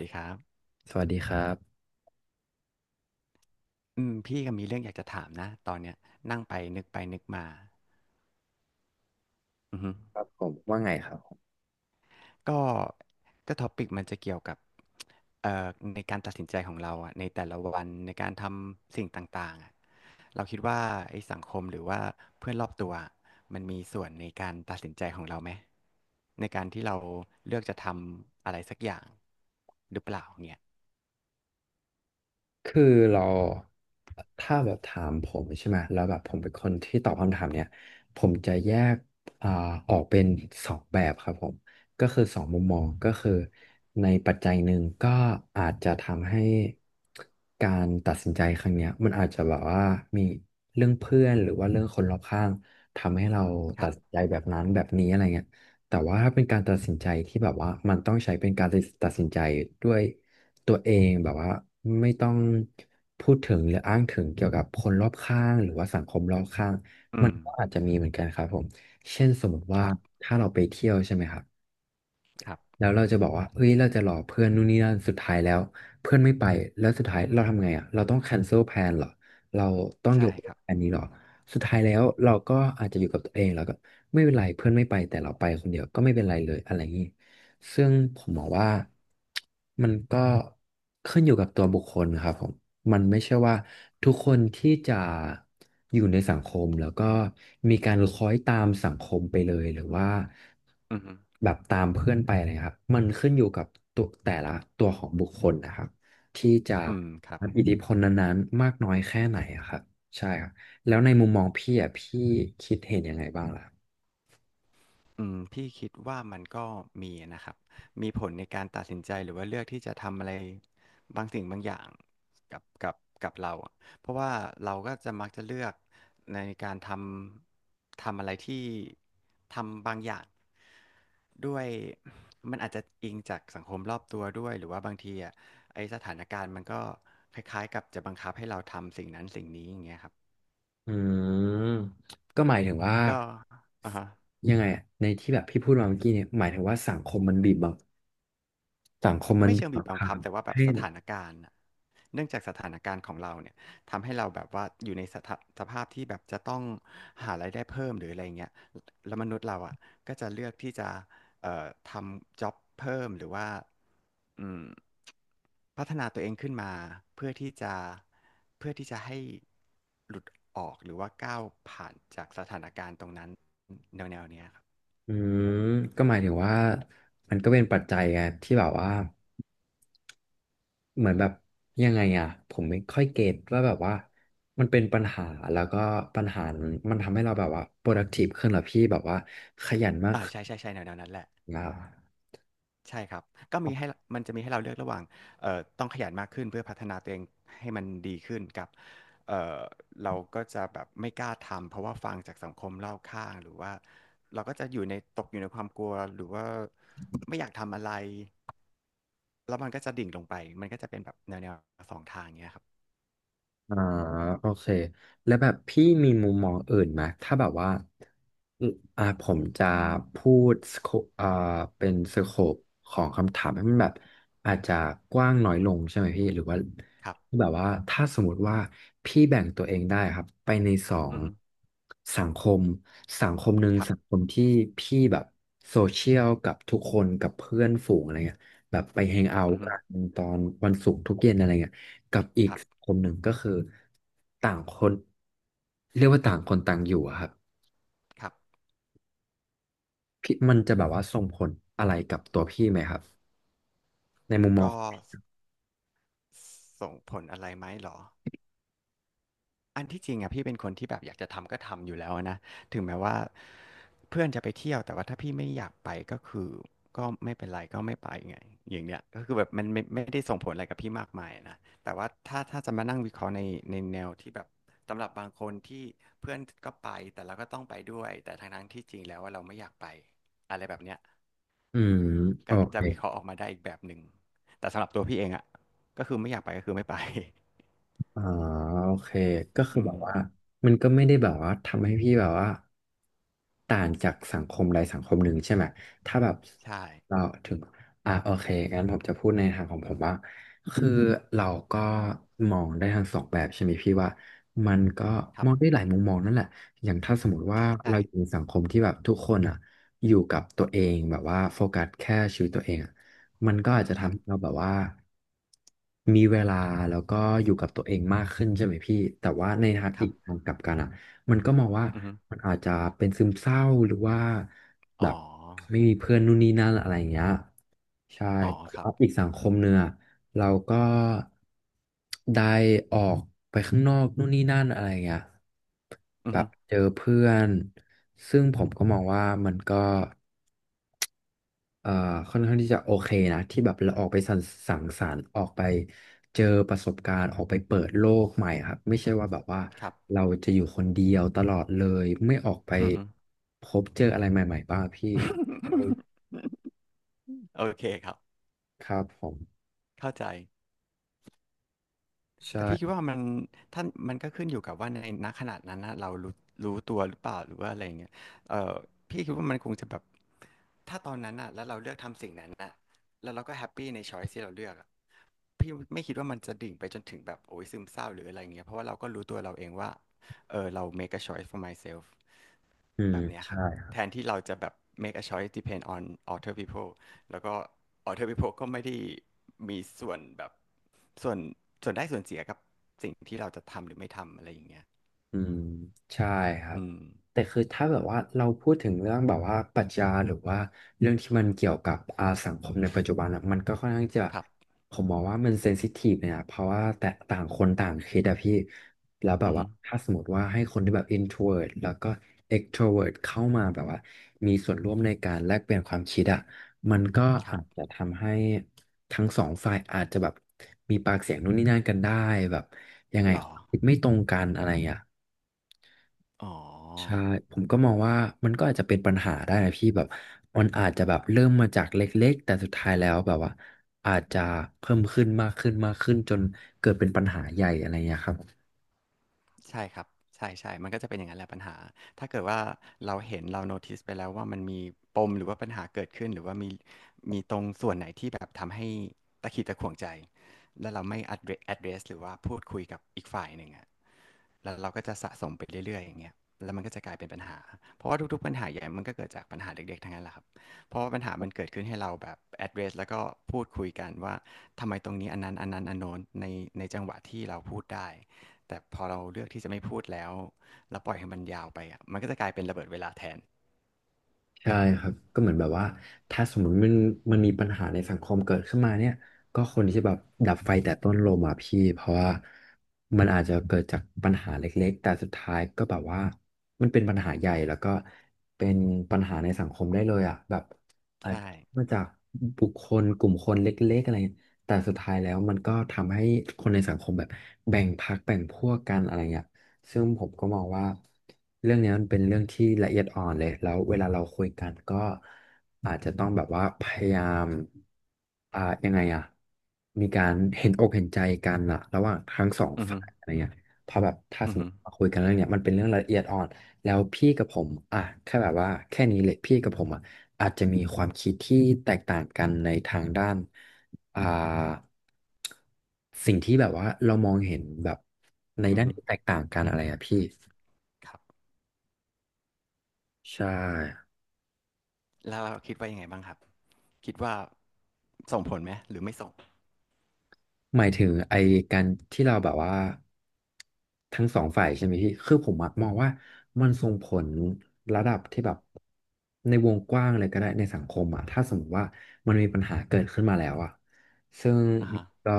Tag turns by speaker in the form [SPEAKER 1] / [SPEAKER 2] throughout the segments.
[SPEAKER 1] ดีครับ
[SPEAKER 2] สวัสดีครับ
[SPEAKER 1] อืมพี่ก็มีเรื่องอยากจะถามนะตอนเนี้ยนั่งไปนึกไปนึกมาอือฮึ
[SPEAKER 2] ครับผมว่าไงครับ
[SPEAKER 1] ก็ก็ท็อปิกมันจะเกี่ยวกับเอ่อในการตัดสินใจของเราอ่ะในแต่ละวันในการทำสิ่งต่างๆอ่ะเราคิดว่าไอ้สังคมหรือว่าเพื่อนรอบตัวอะมันมีส่วนในการตัดสินใจของเราไหมในการที่เราเลือกจะทำอะไรสักอย่างหรือเปล่าเนี่ย
[SPEAKER 2] คือเราถ้าแบบถามผมใช่ไหมแล้วแบบผมเป็นคนที่ตอบคำถามเนี้ยผมจะแยกอ่าออกเป็นสองแบบครับผมก็คือสองมุมมองก็คือในปัจจัยหนึ่งก็อาจจะทำให้การตัดสินใจครั้งเนี้ยมันอาจจะแบบว่ามีเรื่องเพื่อนหรือว่าเรื่องคนรอบข้างทำให้เรา
[SPEAKER 1] ค
[SPEAKER 2] ตั
[SPEAKER 1] รั
[SPEAKER 2] ดสิน
[SPEAKER 1] บ
[SPEAKER 2] ใจแบบนั้นแบบนี้อะไรเงี้ยแต่ว่าถ้าเป็นการตัดสินใจที่แบบว่ามันต้องใช้เป็นการตัดสินใจด้วย ตัวเองแบบว่าไม่ต้องพูดถึงหรืออ้างถึงเกี่ยวกับคนรอบข้างหรือว่าสังคมรอบข้าง
[SPEAKER 1] อื
[SPEAKER 2] มั
[SPEAKER 1] ม
[SPEAKER 2] นก็อาจจะมีเหมือนกันครับผมเช่นสมมติว่า
[SPEAKER 1] ครับ
[SPEAKER 2] ถ้าเราไปเที่ยวใช่ไหมครับ
[SPEAKER 1] ครับ
[SPEAKER 2] แล้วเราจะบอกว่าเฮ้ยเราจะหลอกเพื่อนนู่นนี่นั่นสุดท้ายแล้วเพื่อนไม่ไปแล้วสุดท้ายเราทำไงอ่ะเราต้องแคนเซิลแพลนเหรอเราต้องย
[SPEAKER 1] ใช่
[SPEAKER 2] กเลิ
[SPEAKER 1] ค
[SPEAKER 2] ก
[SPEAKER 1] รับ
[SPEAKER 2] แพลนนี้เหรอสุดท้ายแล้วเราก็อาจจะอยู่กับตัวเองแล้วก็ไม่เป็นไรเพื่อนไม่ไปแต่เราไปคนเดียวก็ไม่เป็นไรเลยอะไรอย่างนี้ซึ่งผมมองว่ามันก็ขึ้นอยู่กับตัวบุคคลครับผม มันไม่ใช่ว่าทุกคนที่จะอยู่ในสังคมแล้วก็มีการคล้อยตามสังคมไปเลยหรือว่า
[SPEAKER 1] อือฮึ
[SPEAKER 2] แบบตามเพื่อนไปอะไรครับมันขึ้นอยู่กับตัวแต่ละตัวของบุคคลนะครับที่จะ
[SPEAKER 1] อืมครับ
[SPEAKER 2] รับอิทธิพลนั้นๆมากน้อยแค่ไหนอะครับใช่ครับแล้วในมุมมองพี่อ่ะพี่คิดเห็นยังไงบ้างล่ะ
[SPEAKER 1] อืมพี่คิดว่ามันก็มีนะครับ มีผลในการตัดสินใจหรือว่าเลือกที่จะทำอะไรบางสิ่งบางอย่างกับกับเราอะเพราะว่าเราก็จะมักจะเลือกในการทำอะไรที่ทำบางอย่างด้วยมันอาจจะอิงจากสังคมรอบตัวด้วยหรือว่าบางทีอ่ะไอสถานการณ์มันก็คล้ายๆกับจะบังคับให้เราทำสิ่งนั้นสิ่งนี้อย่างเงี้ยครับ
[SPEAKER 2] อืมก็หมายถึงว่า
[SPEAKER 1] ก็อ่าฮะ
[SPEAKER 2] ยังไงอะในที่แบบพี่พูดมาเมื่อกี้เนี่ยหมายถึงว่าสังคมมันบีบบัง สังคมมัน
[SPEAKER 1] ไม่
[SPEAKER 2] มี
[SPEAKER 1] เชิง
[SPEAKER 2] ส
[SPEAKER 1] บีบ
[SPEAKER 2] งค
[SPEAKER 1] บัง
[SPEAKER 2] รา
[SPEAKER 1] คับ
[SPEAKER 2] ม
[SPEAKER 1] แต่ว่าแบบ
[SPEAKER 2] ให้
[SPEAKER 1] ส
[SPEAKER 2] เหร
[SPEAKER 1] ถานการณ์น่ะเนื่องจากสถานการณ์ของเราเนี่ยทำให้เราแบบว่าอยู่ในสถาสภาพที่แบบจะต้องหารายได้เพิ่มหรืออะไรเงี้ยแล้วมนุษย์เราอ่ะก็จะเลือกที่จะทำจ็อบเพิ่มหรือว่าอืมพัฒนาตัวเองขึ้นมาเพื่อที่จะเพื่อที่จะให้หลุดออกหรือว่าก้าวผ่านจากสถานการณ์ตรงนั้นแนวเนี้ยครับ
[SPEAKER 2] ออืม ก็หมายถึงว่ามันก็เป็นปัจจัยไงที่แบบว่าเหมือนแบบยังไงอ่ะผมไม่ค่อยเก็ตว่าแบบว่ามันเป็นปัญหาแล้วก็ปัญหานั้นมันทำให้เราแบบว่า productive ขึ้นเหรอพี่แบบว่าขยันมาก
[SPEAKER 1] อ่า
[SPEAKER 2] ขึ้น
[SPEAKER 1] ใช่ใช่ใช่แนวนั้นแหละ
[SPEAKER 2] นะ
[SPEAKER 1] ใช่ครับก็มีให้มันจะมีให้เราเลือกระหว่างต้องขยันมากขึ้นเพื่อพัฒนาตัวเองให้มันดีขึ้นกับเอ่อเราก็จะแบบไม่กล้าทำเพราะว่าฟังจากสังคมรอบข้างหรือว่าเราก็จะอยู่ในตกอยู่ในความกลัวหรือว่าไม่อยากทำอะไรแล้วมันก็จะดิ่งลงไปมันก็จะเป็นแบบแนวสองทางเนี้ยครับ
[SPEAKER 2] อ่าโอเคแล้วแบบพี่มีมุมมองอื่นไหมถ้าแบบว่าอมผมจะพูดสโคอ่าเป็นสโคปของคำถามให้มันแบบอาจจะกว้างน้อยลงใช่ไหมพี่หรือว่า
[SPEAKER 1] ครับ
[SPEAKER 2] แบบว่าถ้าสมมติว่าพี่แบ่งตัวเองได้ครับไปในสอ
[SPEAKER 1] อื
[SPEAKER 2] ง
[SPEAKER 1] อฮึ
[SPEAKER 2] สังคมหนึ่ง
[SPEAKER 1] ครับ
[SPEAKER 2] สังคมที่พี่แบบโซเชียลกับทุกคนกับเพื่อนฝูงอะไรเงี้ยแบบไปแฮงเอา
[SPEAKER 1] อื
[SPEAKER 2] ท์
[SPEAKER 1] อฮึ
[SPEAKER 2] กันตอนวันศุกร์ทุกเย็นอะไรเงี้ย กับอีก
[SPEAKER 1] ครับ
[SPEAKER 2] คนหนึ่งก็คือต่างคนเรียกว่าต่างคนต่างอยู่อะครับ
[SPEAKER 1] ครับ
[SPEAKER 2] พี่มันจะแบบว่าส่งผลอะไรกับตัวพี่ไหมครับในมุมมอง
[SPEAKER 1] ก็ส่งผลอะไรไหมเหรอ อันที่จริงอะพี่เป็นคนที่แบบอยากจะทำก็ทำอยู่แล้วนะถึงแม้ว่าเพื่อนจะไปเที่ยวแต่ว่าถ้าพี่ไม่อยากไปก็คือก็ไม่เป็นไรก็ไม่ไปไงอย่างเนี้ยก็คือแบบมันไม่ได้ส่งผลอะไรกับพี่มากมายนะแต่ว่าถ้าจะมานั่งวิเคราะห์ในแนวที่แบบสำหรับบางคนที่เพื่อนก็ไปแต่เราก็ต้องไปด้วยแต่ทั้งที่จริงแล้วว่าเราไม่อยากไปอะไรแบบเนี้ย
[SPEAKER 2] อืมโอ
[SPEAKER 1] ก็
[SPEAKER 2] เค
[SPEAKER 1] จะวิเคราะห์ออกมาได้อีกแบบหนึ่งแต่สำหรับตัวพี่เองอะก็คือไม่อยากไปก็คือไม่ไป
[SPEAKER 2] อ่าโอเคก็คื
[SPEAKER 1] อื
[SPEAKER 2] อแบ
[SPEAKER 1] ม
[SPEAKER 2] บว่ามันก็ไม่ได้แบบว่าทำให้พี่แบบว่าต่างจากสังคมใดสังคมหนึ่งใช่ไหมถ้าแบบ
[SPEAKER 1] ใช่
[SPEAKER 2] เราถึงโอเคงั้นผมจะพูดในทางของผมว่าคือเราก็มองได้ทั้งสองแบบใช่ไหมพี่ว่ามันก็
[SPEAKER 1] ครั
[SPEAKER 2] ม
[SPEAKER 1] บ
[SPEAKER 2] องได้หลายมุมมองนั่นแหละอย่างถ้าสมมติว่าเราอยู่ใน
[SPEAKER 1] ใช่
[SPEAKER 2] สังคมที่แบบทุกคนอ่ะอยู่กับตัวเองแบบว่าโฟกัสแค่ชีวิตตัวเองอะ มันก็อาจจะ
[SPEAKER 1] ครั
[SPEAKER 2] ทำ
[SPEAKER 1] บ
[SPEAKER 2] ให้เราแบบว่ามีเวลาแล้วก็อยู่กับตัวเองมากขึ้นใช่ไหมพี่แต่ว่าในทาง
[SPEAKER 1] ค
[SPEAKER 2] อี
[SPEAKER 1] รับ
[SPEAKER 2] กทางกลับกันอ่ะมันก็มองว่า
[SPEAKER 1] อือฮึ
[SPEAKER 2] มันอาจจะเป็นซึมเศร้าหรือว่าแบ
[SPEAKER 1] อ๋อ
[SPEAKER 2] บไม่มีเพื่อนนู่นนี่นั่นอะไรอย่างเงี้ยใช่
[SPEAKER 1] อ๋อ
[SPEAKER 2] แต่
[SPEAKER 1] ครั
[SPEAKER 2] ว่า
[SPEAKER 1] บ
[SPEAKER 2] อีกสังคมเนื้อะเราก็ได้ออกไปข้างนอกนู่นนี่นั่นอะไรอย่างเงี้ย
[SPEAKER 1] อื
[SPEAKER 2] แบ
[SPEAKER 1] อฮึ
[SPEAKER 2] บเจอเพื่อนซึ่งผมก็มองว่ามันก็ เอ่อค่อนข้างที่จะโอเคนะที่แบบเราออกไปสังสรรค์ออกไปเจอประสบการณ์ออกไปเปิดโลกใหม่ครับไม่ใช่ว่าแบบว่า
[SPEAKER 1] ครับ
[SPEAKER 2] เราจะอยู่คนเดียวตลอดเลยไม่ออกไป
[SPEAKER 1] อือฮึ
[SPEAKER 2] พบเจออะไรใหม่ๆบ้างพี่เรา
[SPEAKER 1] โอเคครับ
[SPEAKER 2] ครับผม
[SPEAKER 1] เข้าใจแต่พี่คิด
[SPEAKER 2] ใช่
[SPEAKER 1] ว่ามันท่านมันก็ขึ้นอยู่กับว่าในณขนาดนั้นนะเรารู้ตัวหรือเปล่าหรือว่าอะไรอย่างเงี้ยเออพี่คิดว่ามันคงจะแบบถ้าตอนนั้นน่ะแล้วเราเลือกทำสิ่งนั้นอ่ะแล้วเราก็แฮปปี้ในช้อยที่เราเลือกอะพี่ไม่คิดว่ามันจะดิ่งไปจนถึงแบบโอ้ยซึมเศร้าหรืออะไรอย่างเงี้ยเพราะว่าเราก็รู้ตัวเราเองว่าเออเรา make a choice for myself
[SPEAKER 2] อืม
[SPEAKER 1] แบบเนี้ยค
[SPEAKER 2] ใช่
[SPEAKER 1] รับแทนที่เราจะแบบ make a choice depend on other people แล้วก็ other people ก็ไม่ได้มีส่วนแบบส่วนส่วนได้ส่วนเสียกับสิ่งที่เราจะทำหรือไม่ทำอะไรอย่างเงี้ย
[SPEAKER 2] อืมใช่ครั
[SPEAKER 1] อื
[SPEAKER 2] บ
[SPEAKER 1] ม
[SPEAKER 2] แต่คือถ้าแบบว่าเราพูดถึงเรื่องแบบว่าปรัชญาหรือว่าเรื่องที่มันเกี่ยวกับอาสังคมในปัจจุบันอะมันก็ค่อนข้างจะ
[SPEAKER 1] ครับ
[SPEAKER 2] ผมมองว่ามันเซนซิทีฟเนี่ยนะเพราะว่าแต่ต่างคนต่างคิดอะพี่แล้วแบ
[SPEAKER 1] อื
[SPEAKER 2] บ
[SPEAKER 1] อฮึ
[SPEAKER 2] ว่าถ้าสมมติว่าให้คนที่แบบ introvert แล้วก็ extrovert เข้ามาแบบว่ามีส่วนร่วมในการแลกเปลี่ยนความคิดอะมันก็
[SPEAKER 1] ครั
[SPEAKER 2] อา
[SPEAKER 1] บ
[SPEAKER 2] จจะทำให้ทั้งสองฝ่ายอาจจะแบบมีปากเสียงนู่นนี่นั่นกันได้แบบยังไง
[SPEAKER 1] หรอ
[SPEAKER 2] คิดไม่ตรงกันอะไรอย่างเงี้ย
[SPEAKER 1] อ๋อ
[SPEAKER 2] ใช่ผมก็มองว่ามันก็อาจจะเป็นปัญหาได้นะพี่แบบมันอาจจะแบบเริ่มมาจากเล็กๆแต่สุดท้ายแล้วแบบว่าอาจจะเพิ่มขึ้นมากขึ้นมากขึ้นจนเกิดเป็นปัญหาใหญ่อะไรเงี้ยครับ
[SPEAKER 1] ใช่ครับใช่ใช่มันก็จะเป็นอย่างนั้นแหละปัญหา ถ้าเกิดว่าเราเห็นเราโน้ติสไปแล้วว่ามันมีปมหรือว่าปัญหาเกิดขึ้นหรือว่ามีตรงส่วนไหนที่แบบทำให้ตะขิดตะขวงใจแล้วเราไม่ address หรือว่าพูดคุยกับอีกฝ่ายหนึ่งอะ แล้วเราก็จะสะสมไปเรื่อยๆอย่างเงี้ยแล้วมันก็จะกลายเป็นปัญหาเพราะว่าทุกๆปัญหาใหญ่มันก็เกิดจากปัญหาเด็กๆทั้งนั้นแหละครับเพราะว่าปัญหามันเกิดขึ้นให้เราแบบ address แล้วก็พูดคุยกันว่าทำไมตรงนี้อันนั้นอันโน้นในจังหวะที่เราพูดได้แต่พอเราเลือกที่จะไม่พูดแล้วแล้วปล่อยให้มันยาวไปอ่ะมันก็จะกลายเป็นระเบิดเวลาแทน
[SPEAKER 2] ใช่ครับก็เหมือนแบบว่าถ้าสมมติมันมีปัญหาในสังคมเกิดขึ้นมาเนี่ยก็คนที่จะแบบดับไฟแต่ต้นลมอ่ะพี่เพราะว่ามันอาจจะเกิดจากปัญหาเล็กๆแต่สุดท้ายก็แบบว่ามันเป็นปัญหาใหญ่แล้วก็เป็นปัญหาในสังคมได้เลยอ่ะแบบอาจ
[SPEAKER 1] ใช่
[SPEAKER 2] จะมาจากบุคคลกลุ่มคนเล็กๆอะไรเงี้ยแต่สุดท้ายแล้วมันก็ทำให้คนในสังคมแบบแบ่งพรรคแบ่งพวกกันอะไรเงี้ย ซึ่งผมก็มองว่าเรื่องเนี้ยมันเป็นเรื่องที่ละเอียดอ่อนเลย แล้วเวลาเราคุยกันก็อาจจะต้องแบบว่าพยายามยังไงอะมีการเห็นอกเห็นใจกันอะระหว่างทั้งสอง
[SPEAKER 1] อือฮึ
[SPEAKER 2] ฝ่ายอะไรเงี้ยเพราะแบบถ้าส
[SPEAKER 1] อือ
[SPEAKER 2] มม
[SPEAKER 1] ฮึ
[SPEAKER 2] ติว่าคุยกันเรื่องเนี้ยมันเป็นเรื่องละเอียดอ่อน แล้วพี่กับผมอ่ะแค่แบบว่าแค่นี้เลยพี่กับผมอ่ะอาจจะมีความคิดที่แตกต่างกันในทางด้านอ่าสิ่งที่แบบว่าเรามองเห็นแบบใน
[SPEAKER 1] อือ
[SPEAKER 2] ด้าน
[SPEAKER 1] ฮึ
[SPEAKER 2] ที่แตกต่างกันอะไรอ่ะพี่
[SPEAKER 1] ครับ
[SPEAKER 2] ใช่
[SPEAKER 1] แล้วเราคิดว่ายังไงบ้างครับคิดว่าส่งผลไหมหรือไม่ส่ง
[SPEAKER 2] หมายถึงไอ้การที่เราแบบว่าทั้งสองฝ่ายใช่ไหมพี่คือผมอะมองว่ามันส่งผลระดับที่แบบในวงกว้างเลยก็ได้ในสังคมอะถ้าสมมติว่ามันมีปัญหาเกิดขึ้นมาแล้วอะ ซึ่ง
[SPEAKER 1] อ่าฮะ
[SPEAKER 2] ก็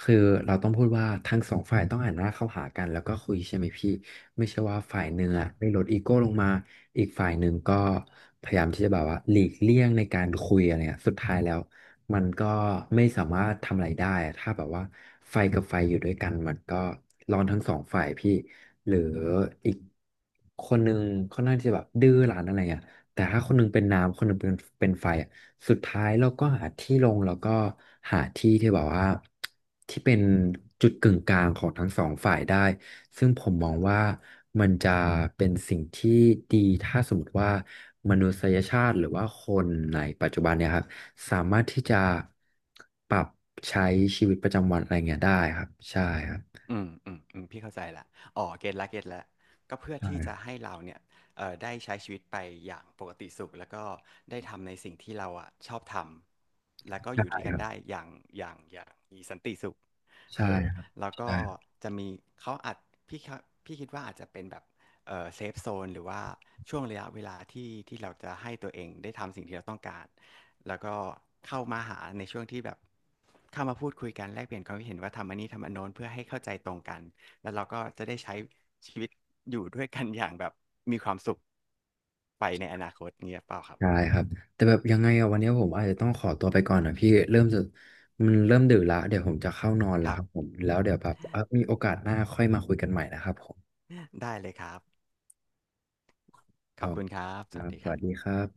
[SPEAKER 2] คือเราต้องพูดว่าทั้งสองฝ่ายต้องหันหน้าเข้าหากันแล้วก็คุยใช่ไหมพี่ไม่ใช่ว่าฝ่ายหนึ่ง
[SPEAKER 1] ครั
[SPEAKER 2] อะ
[SPEAKER 1] บ
[SPEAKER 2] ได้ลดอีโก้ลงมาอีกฝ่ายหนึ่งก็พยายามที่จะแบบว่าหลีกเลี่ยงในการคุยอะไรเงี้ยสุดท้ายแล้วมันก็ไม่สามารถทำอะไรได้อะถ้าแบบว่าไฟกับไฟอยู่ด้วยกันมันก็ร้อนทั้งสองฝ่ายพี่หรืออีกคนหนึ่งค่อนข้างที่จะแบบดื้อรั้นอะไรเงี้ยแต่ถ้าคนหนึงเป็นน้ำคนหนึงเป็นไฟอะ สุดท้ายเราก็หาที่ลงแล้วก็หาที่ที่แบบว่าที่เป็นจุดกึ่งกลางของทั้งสองฝ่ายได้ซึ่งผมมองว่ามันจะเป็นสิ่งที่ดีถ้าสมมติว่ามนุษยชาติหรือว่าคนในปัจจุบันเนี่ยครับสามารถที่จะปรับใช้ชีวิตประจำวันอะไรเงี้ยได้ครับใช่ครับ
[SPEAKER 1] อืมอืมอืมพี่เข้าใจละอ๋อเก็ตละเก็ตละก็เพื่อ
[SPEAKER 2] ใช่
[SPEAKER 1] ที่
[SPEAKER 2] ค
[SPEAKER 1] จะ
[SPEAKER 2] รับ
[SPEAKER 1] ให้เราเนี่ยได้ใช้ชีวิตไปอย่างปกติสุขแล้วก็ได้ทำในสิ่งที่เราอ่ะชอบทำแล้วก็อ
[SPEAKER 2] ใช่
[SPEAKER 1] ยู่ด้วยกั
[SPEAKER 2] ค
[SPEAKER 1] น
[SPEAKER 2] รับ
[SPEAKER 1] ได้อย่างอย่างมีสันติสุข
[SPEAKER 2] ใช่
[SPEAKER 1] เออ
[SPEAKER 2] ครับ
[SPEAKER 1] แล้วก็จะมีเขาอาจพี่ครับพี่คิดว่าอาจจะเป็นแบบเออเซฟโซนหรือว่าช่วงระยะเวลาที่เราจะให้ตัวเองได้ทำสิ่งที่เราต้องการแล้วก็เข้ามาหาในช่วงที่แบบเข้ามาพูดคุยกันแลกเปลี่ยนความคิดเห็นว่าทำอันนี้ทำอันโน้นเพื่อให้เข้าใจตรงกันแล้วเราก็จะได้ใช้ชีวิตอยู่ด้วยกันอย่างแบบมีความสุขไปในอนาคตเงี้ยเปล่าครับ
[SPEAKER 2] ได้ครับแต่แบบยังไงอะวันนี้ผมอาจจะต้องขอตัวไปก่อนนะพี่เริ่มจะมันเริ่มดึกละเดี๋ยวผมจะเข้านอนแล้
[SPEAKER 1] ค
[SPEAKER 2] ว
[SPEAKER 1] รั
[SPEAKER 2] ค
[SPEAKER 1] บ
[SPEAKER 2] รับผมแล้วเดี๋ยวแบบมีโอกาสหน้าค่อยมาคุยกันใหม่นะครับผม
[SPEAKER 1] ได้เลยครับ
[SPEAKER 2] ค
[SPEAKER 1] ขอบ
[SPEAKER 2] รับ
[SPEAKER 1] คุณครับ
[SPEAKER 2] ค
[SPEAKER 1] สวั
[SPEAKER 2] รั
[SPEAKER 1] ส
[SPEAKER 2] บ
[SPEAKER 1] ดี
[SPEAKER 2] ส
[SPEAKER 1] ครั
[SPEAKER 2] วัส
[SPEAKER 1] บ
[SPEAKER 2] ดีครับ